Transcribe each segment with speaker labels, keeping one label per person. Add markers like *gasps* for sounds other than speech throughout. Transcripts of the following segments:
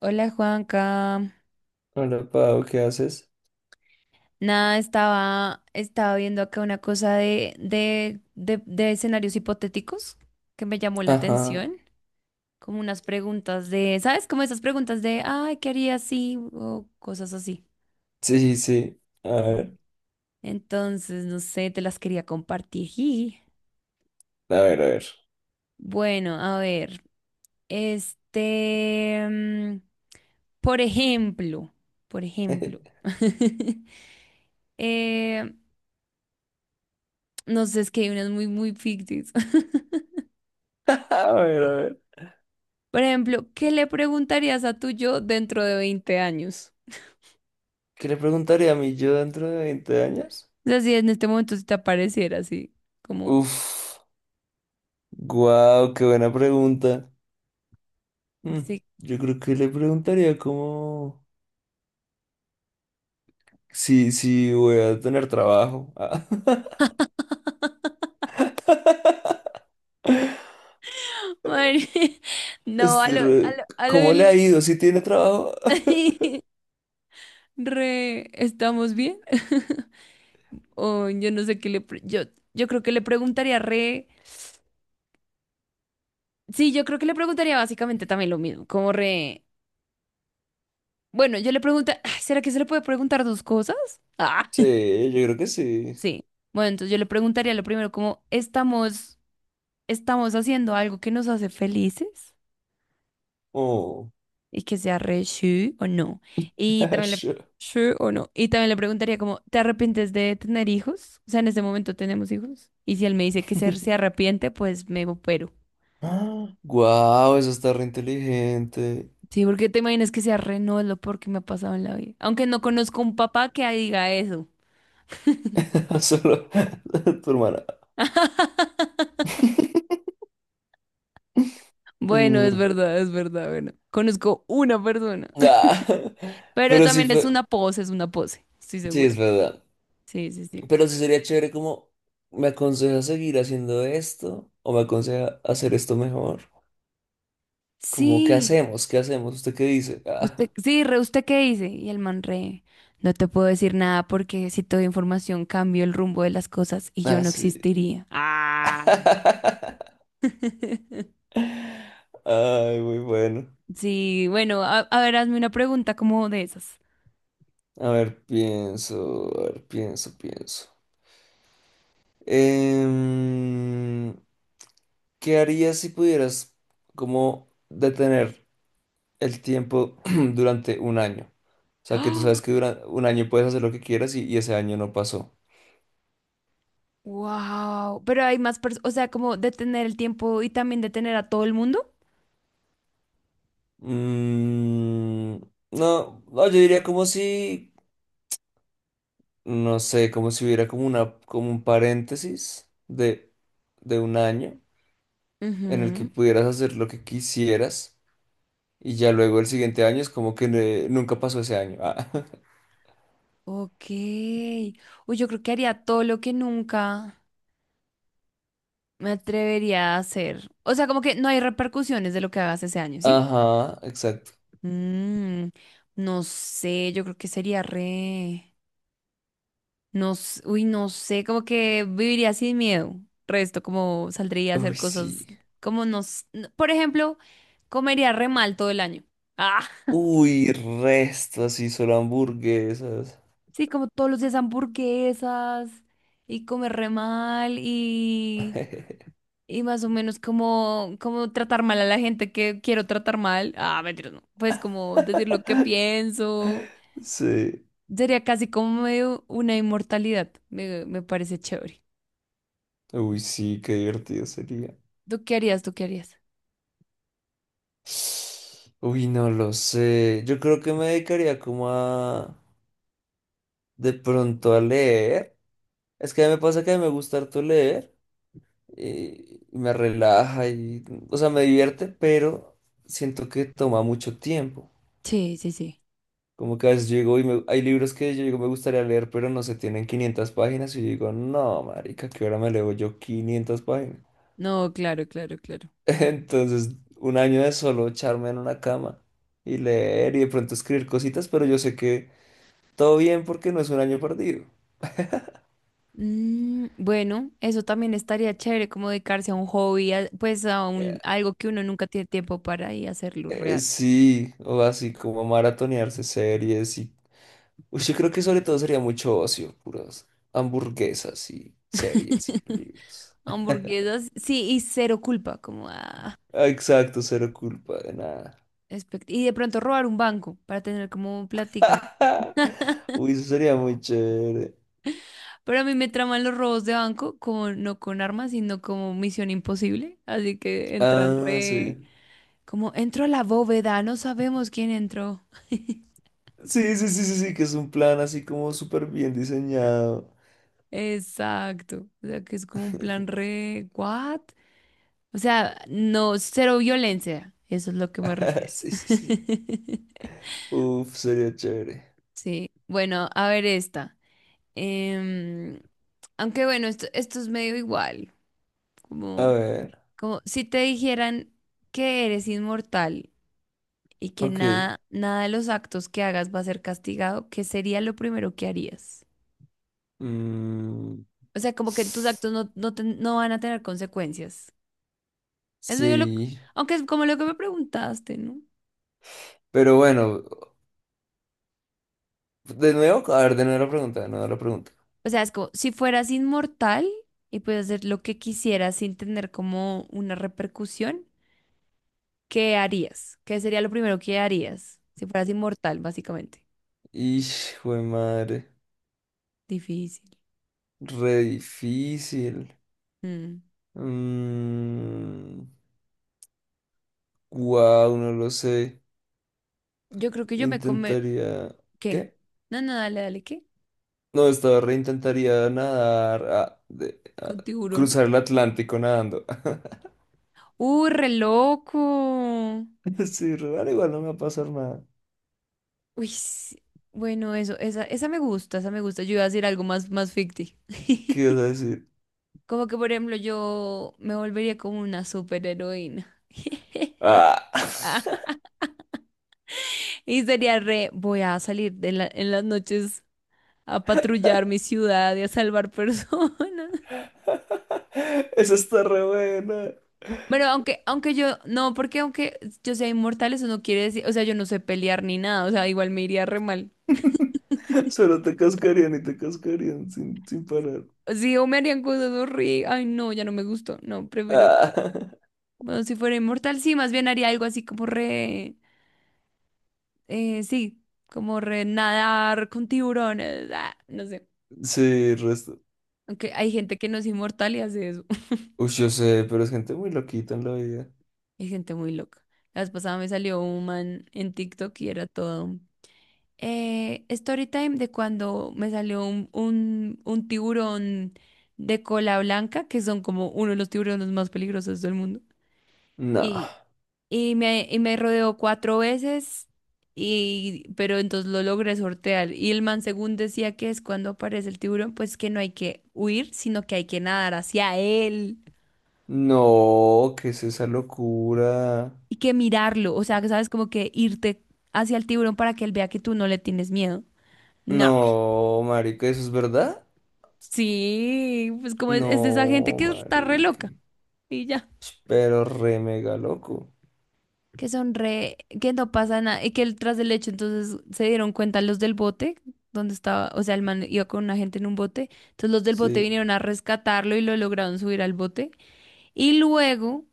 Speaker 1: Hola, Juanca.
Speaker 2: Hola, Pau, ¿qué haces?
Speaker 1: Nada, estaba viendo acá una cosa de escenarios hipotéticos que me llamó la atención.
Speaker 2: Ajá.
Speaker 1: Como unas preguntas de, ¿sabes? Como esas preguntas de, ay, ¿qué haría si? O cosas así.
Speaker 2: Sí, sí. A
Speaker 1: Mm.
Speaker 2: ver,
Speaker 1: Entonces, no sé, te las quería compartir. Y
Speaker 2: a ver, a ver.
Speaker 1: bueno, a ver, este, mm, por ejemplo, por ejemplo,
Speaker 2: *laughs*
Speaker 1: *laughs* eh, no sé, es que hay unas muy, muy ficticias. *laughs*
Speaker 2: A ver, a ver.
Speaker 1: Por ejemplo, ¿qué le preguntarías a tu yo dentro de 20 años?
Speaker 2: ¿Qué le preguntaría a mí yo dentro de 20 años?
Speaker 1: O sea, si en este momento se te apareciera así, como,
Speaker 2: Uf, guau, qué buena pregunta. Mm,
Speaker 1: sí,
Speaker 2: yo creo que le preguntaría como si voy a tener trabajo. Ah, *laughs*
Speaker 1: madre, *laughs* no, a
Speaker 2: este,
Speaker 1: lo, a lo, a lo
Speaker 2: ¿cómo
Speaker 1: bien
Speaker 2: le
Speaker 1: le-
Speaker 2: ha ido? ¿Si tiene trabajo? *laughs*
Speaker 1: *laughs* re, ¿estamos bien? *laughs* O yo no sé qué le, pre- yo creo que le preguntaría re, sí, yo creo que le preguntaría básicamente también lo mismo, como re, bueno, yo le pregunta, *sighs* ¿será que se le puede preguntar dos cosas? Ah,
Speaker 2: Sí, yo creo que
Speaker 1: *laughs*
Speaker 2: sí.
Speaker 1: sí. Bueno, entonces yo le preguntaría lo primero, como, ¿estamos? ¿Estamos haciendo algo que nos hace felices
Speaker 2: Oh,
Speaker 1: y que sea re sí o no? Y
Speaker 2: *laughs*
Speaker 1: también le,
Speaker 2: sure.
Speaker 1: sí o no. Y también le preguntaría como, ¿te arrepientes de tener hijos? O sea, en este momento tenemos hijos. Y si él me dice que se
Speaker 2: *laughs*
Speaker 1: arrepiente, pues me opero.
Speaker 2: Guau, eso está re inteligente.
Speaker 1: Sí, porque te imaginas que sea re no es lo peor que me ha pasado en la vida. Aunque no conozco un papá que diga eso.
Speaker 2: *laughs* Solo *laughs* tu hermana. *laughs*
Speaker 1: Bueno,
Speaker 2: Mm,
Speaker 1: es verdad, bueno. Conozco una persona.
Speaker 2: ah, *laughs*
Speaker 1: *laughs* Pero
Speaker 2: pero sí
Speaker 1: también
Speaker 2: fue,
Speaker 1: es una pose, estoy
Speaker 2: sí
Speaker 1: segura.
Speaker 2: es verdad.
Speaker 1: Sí, sí, sí.
Speaker 2: Pero sí sería chévere como, ¿me aconseja seguir haciendo esto? ¿O me aconseja hacer esto mejor? Como, ¿qué
Speaker 1: Sí,
Speaker 2: hacemos? ¿Qué hacemos? ¿Usted qué dice? *laughs* Ah,
Speaker 1: usted, sí, re, ¿usted qué dice? Y el man re, no te puedo decir nada porque si te doy información cambio el rumbo de las cosas y yo
Speaker 2: ah,
Speaker 1: no
Speaker 2: sí.
Speaker 1: existiría. Ah.
Speaker 2: *laughs*
Speaker 1: *laughs*
Speaker 2: Ay, muy bueno.
Speaker 1: Sí, bueno, a ver, hazme una pregunta como de esas.
Speaker 2: A ver, pienso, pienso. Em, ¿Qué harías si pudieras como detener el tiempo *clears throat* durante un año? O sea, que tú sabes que
Speaker 1: *gasps*
Speaker 2: durante un año puedes hacer lo que quieras y ese año no pasó.
Speaker 1: Wow, pero hay más personas, o sea, como detener el tiempo y también detener a todo el mundo.
Speaker 2: Mm, no, no, yo diría como si, no sé, como si hubiera como un paréntesis de, un año en el que
Speaker 1: Ujú.
Speaker 2: pudieras hacer lo que quisieras y ya luego el siguiente año es como que nunca pasó ese año. Ah.
Speaker 1: Ok. Uy, yo creo que haría todo lo que nunca me atrevería a hacer. O sea, como que no hay repercusiones de lo que hagas ese año,
Speaker 2: *laughs*
Speaker 1: ¿sí?
Speaker 2: Ajá, exacto.
Speaker 1: Mm, no sé, yo creo que sería re... No, s- uy, no sé, como que viviría sin miedo. Resto, como saldría a hacer
Speaker 2: Uy,
Speaker 1: cosas
Speaker 2: sí.
Speaker 1: como nos... Por ejemplo, comería re mal todo el año. Ah,
Speaker 2: Uy, resto, así solo hamburguesas.
Speaker 1: sí, como todos los días hamburguesas y comer re mal y...
Speaker 2: *laughs*
Speaker 1: Y más o menos como, como tratar mal a la gente que quiero tratar mal. Ah, mentira, no. Pues como decir lo que pienso.
Speaker 2: Sí.
Speaker 1: Sería casi como medio una inmortalidad. Me parece chévere.
Speaker 2: Uy, sí, qué divertido sería.
Speaker 1: ¿Tú qué harías? ¿Tú qué harías?
Speaker 2: Uy, no lo sé. Yo creo que me dedicaría como a de pronto a leer. Es que me pasa que a mí me gusta harto leer, y me relaja y, o sea, me divierte, pero siento que toma mucho tiempo.
Speaker 1: Sí, sí, sí.
Speaker 2: Como que a veces llego y hay libros que yo digo me gustaría leer, pero no se tienen 500 páginas y yo digo, no, marica, ¿qué hora me leo yo 500 páginas?
Speaker 1: No, claro, claro, claro.
Speaker 2: *laughs* Entonces, un año de solo echarme en una cama y leer y de pronto escribir cositas, pero yo sé que todo bien porque no es un año perdido.
Speaker 1: Mm, bueno, eso también estaría chévere, como dedicarse a un hobby, a- pues a un,
Speaker 2: Eh,
Speaker 1: algo que uno nunca tiene tiempo para y hacerlo real.
Speaker 2: sí, o así como maratonearse series y... Uy, yo creo que sobre todo sería mucho ocio, puras hamburguesas y series y
Speaker 1: *laughs*
Speaker 2: libros.
Speaker 1: Hamburguesas, sí, y cero culpa, como ah,
Speaker 2: Ah, exacto, cero culpa de nada.
Speaker 1: espect- y de pronto robar un banco para tener como plática.
Speaker 2: *laughs* Uy, eso sería muy chévere.
Speaker 1: Pero a mí me traman los robos de banco, como, no con armas, sino como misión imposible. Así que entran
Speaker 2: Ah,
Speaker 1: re...
Speaker 2: sí.
Speaker 1: Como entró a la bóveda, no sabemos quién entró.
Speaker 2: Sí, sí, sí, sí, sí, que es un plan así como súper bien diseñado.
Speaker 1: Exacto. O sea, que es como un plan
Speaker 2: *laughs*
Speaker 1: re... ¿What? O sea, no, cero violencia. Eso es lo que me
Speaker 2: *laughs*
Speaker 1: refiero.
Speaker 2: Sí, sí, sí.
Speaker 1: *laughs*
Speaker 2: Uf, sería chévere.
Speaker 1: Sí. Bueno, a ver esta. Em, aunque bueno, esto es medio igual.
Speaker 2: A
Speaker 1: Como,
Speaker 2: ver,
Speaker 1: como si te dijeran que eres inmortal, y que
Speaker 2: ok.
Speaker 1: nada, nada de los actos que hagas va a ser castigado, ¿qué sería lo primero que harías?
Speaker 2: Mm,
Speaker 1: O sea, como que tus actos no, no, ten- no van a tener consecuencias. Es medio lo,
Speaker 2: sí,
Speaker 1: aunque es como lo que me preguntaste, ¿no?
Speaker 2: pero bueno, de nuevo, a ver, de nuevo la pregunta, de nuevo la pregunta.
Speaker 1: O sea, es como si fueras inmortal y puedes hacer lo que quisieras sin tener como una repercusión, ¿qué harías? ¿Qué sería lo primero que harías si fueras inmortal, básicamente?
Speaker 2: Hijo de madre,
Speaker 1: Difícil.
Speaker 2: re difícil.
Speaker 1: Mm.
Speaker 2: Mm, wow, no lo sé.
Speaker 1: Yo creo que yo me come...
Speaker 2: Intentaría.
Speaker 1: ¿Qué?
Speaker 2: ¿Qué?
Speaker 1: No, no, dale, dale, ¿qué?
Speaker 2: No, estaba re intentaría nadar,
Speaker 1: Con tiburones.
Speaker 2: cruzar el Atlántico nadando. *laughs*
Speaker 1: Re loco.
Speaker 2: Sí, re, igual no me va a pasar nada.
Speaker 1: Uy, sí. Bueno, eso, esa me gusta, esa me gusta. Yo iba a decir algo más, más ficti.
Speaker 2: ¿Qué ibas
Speaker 1: *laughs*
Speaker 2: a decir?
Speaker 1: Como que, por ejemplo, yo me volvería como una superheroína. *laughs*
Speaker 2: Ah,
Speaker 1: Ah, y sería re, voy a salir de la- en las noches a patrullar mi ciudad y a salvar personas. *laughs*
Speaker 2: *laughs* esa está re buena.
Speaker 1: Bueno, aunque, aunque yo, no, porque aunque yo sea inmortal, eso no quiere decir, o sea, yo no sé pelear ni nada, o sea, igual me iría re mal.
Speaker 2: Solo te cascarían y te cascarían sin parar.
Speaker 1: Sí, o me harían cosas horribles. Ay, no, ya no me gustó. No, prefiero.
Speaker 2: Ah,
Speaker 1: Bueno, si fuera inmortal, sí, más bien haría algo así como re, sí, como re nadar con tiburones, ah, no sé.
Speaker 2: *laughs* sí, resto.
Speaker 1: Aunque hay gente que no es inmortal y hace eso. *laughs*
Speaker 2: Uy, yo sé, pero es gente muy loquita en la vida.
Speaker 1: Hay gente muy loca. La vez pasada me salió un man en TikTok y era todo. Story time de cuando me salió un tiburón de cola blanca, que son como uno de los tiburones más peligrosos del mundo.
Speaker 2: No,
Speaker 1: Y me rodeó 4 veces, y, pero entonces lo logré sortear. Y el man, según decía que es cuando aparece el tiburón, pues que no hay que huir, sino que hay que nadar hacia él
Speaker 2: no, ¿qué es esa locura?
Speaker 1: y que mirarlo. O sea, que sabes, como que irte hacia el tiburón para que él vea que tú no le tienes miedo. No,
Speaker 2: No, marica, ¿eso es verdad?
Speaker 1: sí, pues como es de esa gente
Speaker 2: No,
Speaker 1: que está re
Speaker 2: marica.
Speaker 1: loca y ya.
Speaker 2: Pero re mega loco.
Speaker 1: Que son re, que no pasa nada, y que el- tras el hecho entonces se dieron cuenta los del bote, donde estaba, o sea, el man iba con una gente en un bote, entonces los del bote
Speaker 2: Sí.
Speaker 1: vinieron a rescatarlo y lo lograron subir al bote, y luego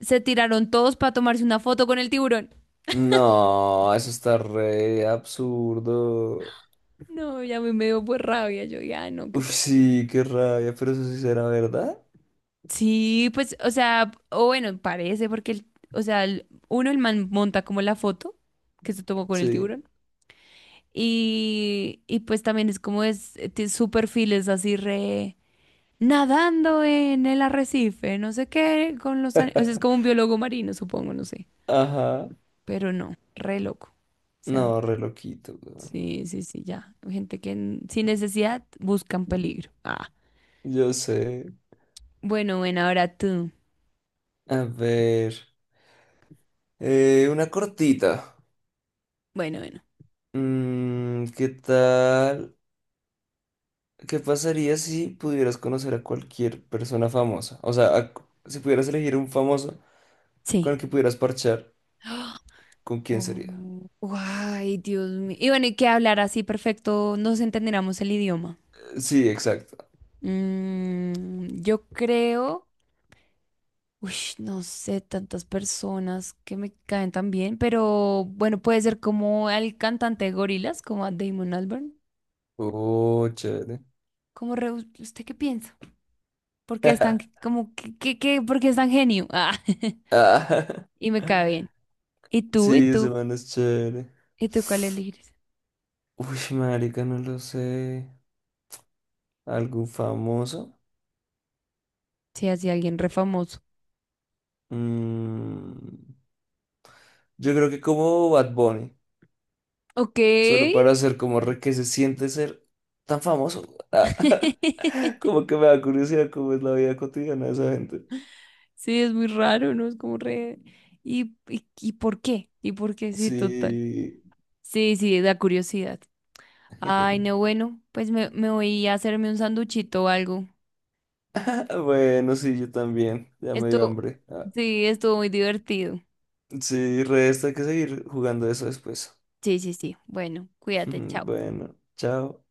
Speaker 1: se tiraron todos para tomarse una foto con el tiburón.
Speaker 2: No, eso está re absurdo.
Speaker 1: No, ya me dio pues rabia, yo ya no, qué
Speaker 2: Uf,
Speaker 1: pena.
Speaker 2: sí, qué rabia, pero eso sí será verdad.
Speaker 1: Sí, pues, o sea, o bueno, parece, porque, el- o sea, el- uno, el man monta como la foto que se tomó con el
Speaker 2: Sí.
Speaker 1: tiburón. Y pues también es como es, tiene su perfil es así re, nadando en el arrecife, no sé qué, con los ani- O sea, es como un biólogo marino, supongo, no sé.
Speaker 2: Ajá.
Speaker 1: Pero no, re loco. O sea,
Speaker 2: No, re loquito, weón.
Speaker 1: sí, sí, sí, ya. Gente que n- sin necesidad buscan peligro. Ah.
Speaker 2: Yo sé.
Speaker 1: Bueno, bueno, ahora tú.
Speaker 2: A ver. Una cortita.
Speaker 1: Bueno, bueno.
Speaker 2: ¿Qué tal? ¿Qué pasaría si pudieras conocer a cualquier persona famosa? O sea, si pudieras elegir un famoso con
Speaker 1: Sí.
Speaker 2: el que pudieras parchar,
Speaker 1: *gasps* ¡Ah!
Speaker 2: ¿con quién
Speaker 1: Oh,
Speaker 2: sería?
Speaker 1: ay, Dios mío. Y bueno, y que hablar así perfecto, nos entendiéramos el idioma.
Speaker 2: Sí, exacto.
Speaker 1: Mm, yo creo. Uy, no sé, tantas personas que me caen tan bien, pero bueno, puede ser como el cantante de Gorilas, como a Damon Albarn.
Speaker 2: Oh, chévere.
Speaker 1: ¿Cómo re- usted qué piensa? ¿Por qué es tan
Speaker 2: *laughs*
Speaker 1: como que, que- por qué es tan genio? Ah, *laughs*
Speaker 2: Ah,
Speaker 1: y me cae
Speaker 2: *laughs*
Speaker 1: bien. ¿Y tú? ¿Y
Speaker 2: Sí,
Speaker 1: tú?
Speaker 2: ese man es chévere.
Speaker 1: ¿Y tú cuál elegirías?
Speaker 2: Uy, marica, no lo sé. ¿Algún famoso?
Speaker 1: Sí, así alguien re famoso.
Speaker 2: Mm, yo creo que como Bad Bunny,
Speaker 1: Ok.
Speaker 2: solo para hacer como re que se siente ser tan famoso. *laughs*
Speaker 1: *laughs*
Speaker 2: Como que me da curiosidad cómo es la vida cotidiana de esa gente.
Speaker 1: Sí, es muy raro, ¿no? Es como re. ¿Y, y por qué? ¿Y por qué? Sí, total.
Speaker 2: Sí.
Speaker 1: Sí, sí, da curiosidad. Ay, no,
Speaker 2: *laughs*
Speaker 1: bueno, pues me voy a hacerme un sanduchito o algo.
Speaker 2: Bueno, sí, yo también. Ya me dio
Speaker 1: Esto,
Speaker 2: hambre. Ah,
Speaker 1: sí, estuvo muy divertido.
Speaker 2: sí, resta hay que seguir jugando eso después.
Speaker 1: Sí, sí, sí. Bueno,
Speaker 2: *laughs*
Speaker 1: cuídate, chao.
Speaker 2: Bueno, chao.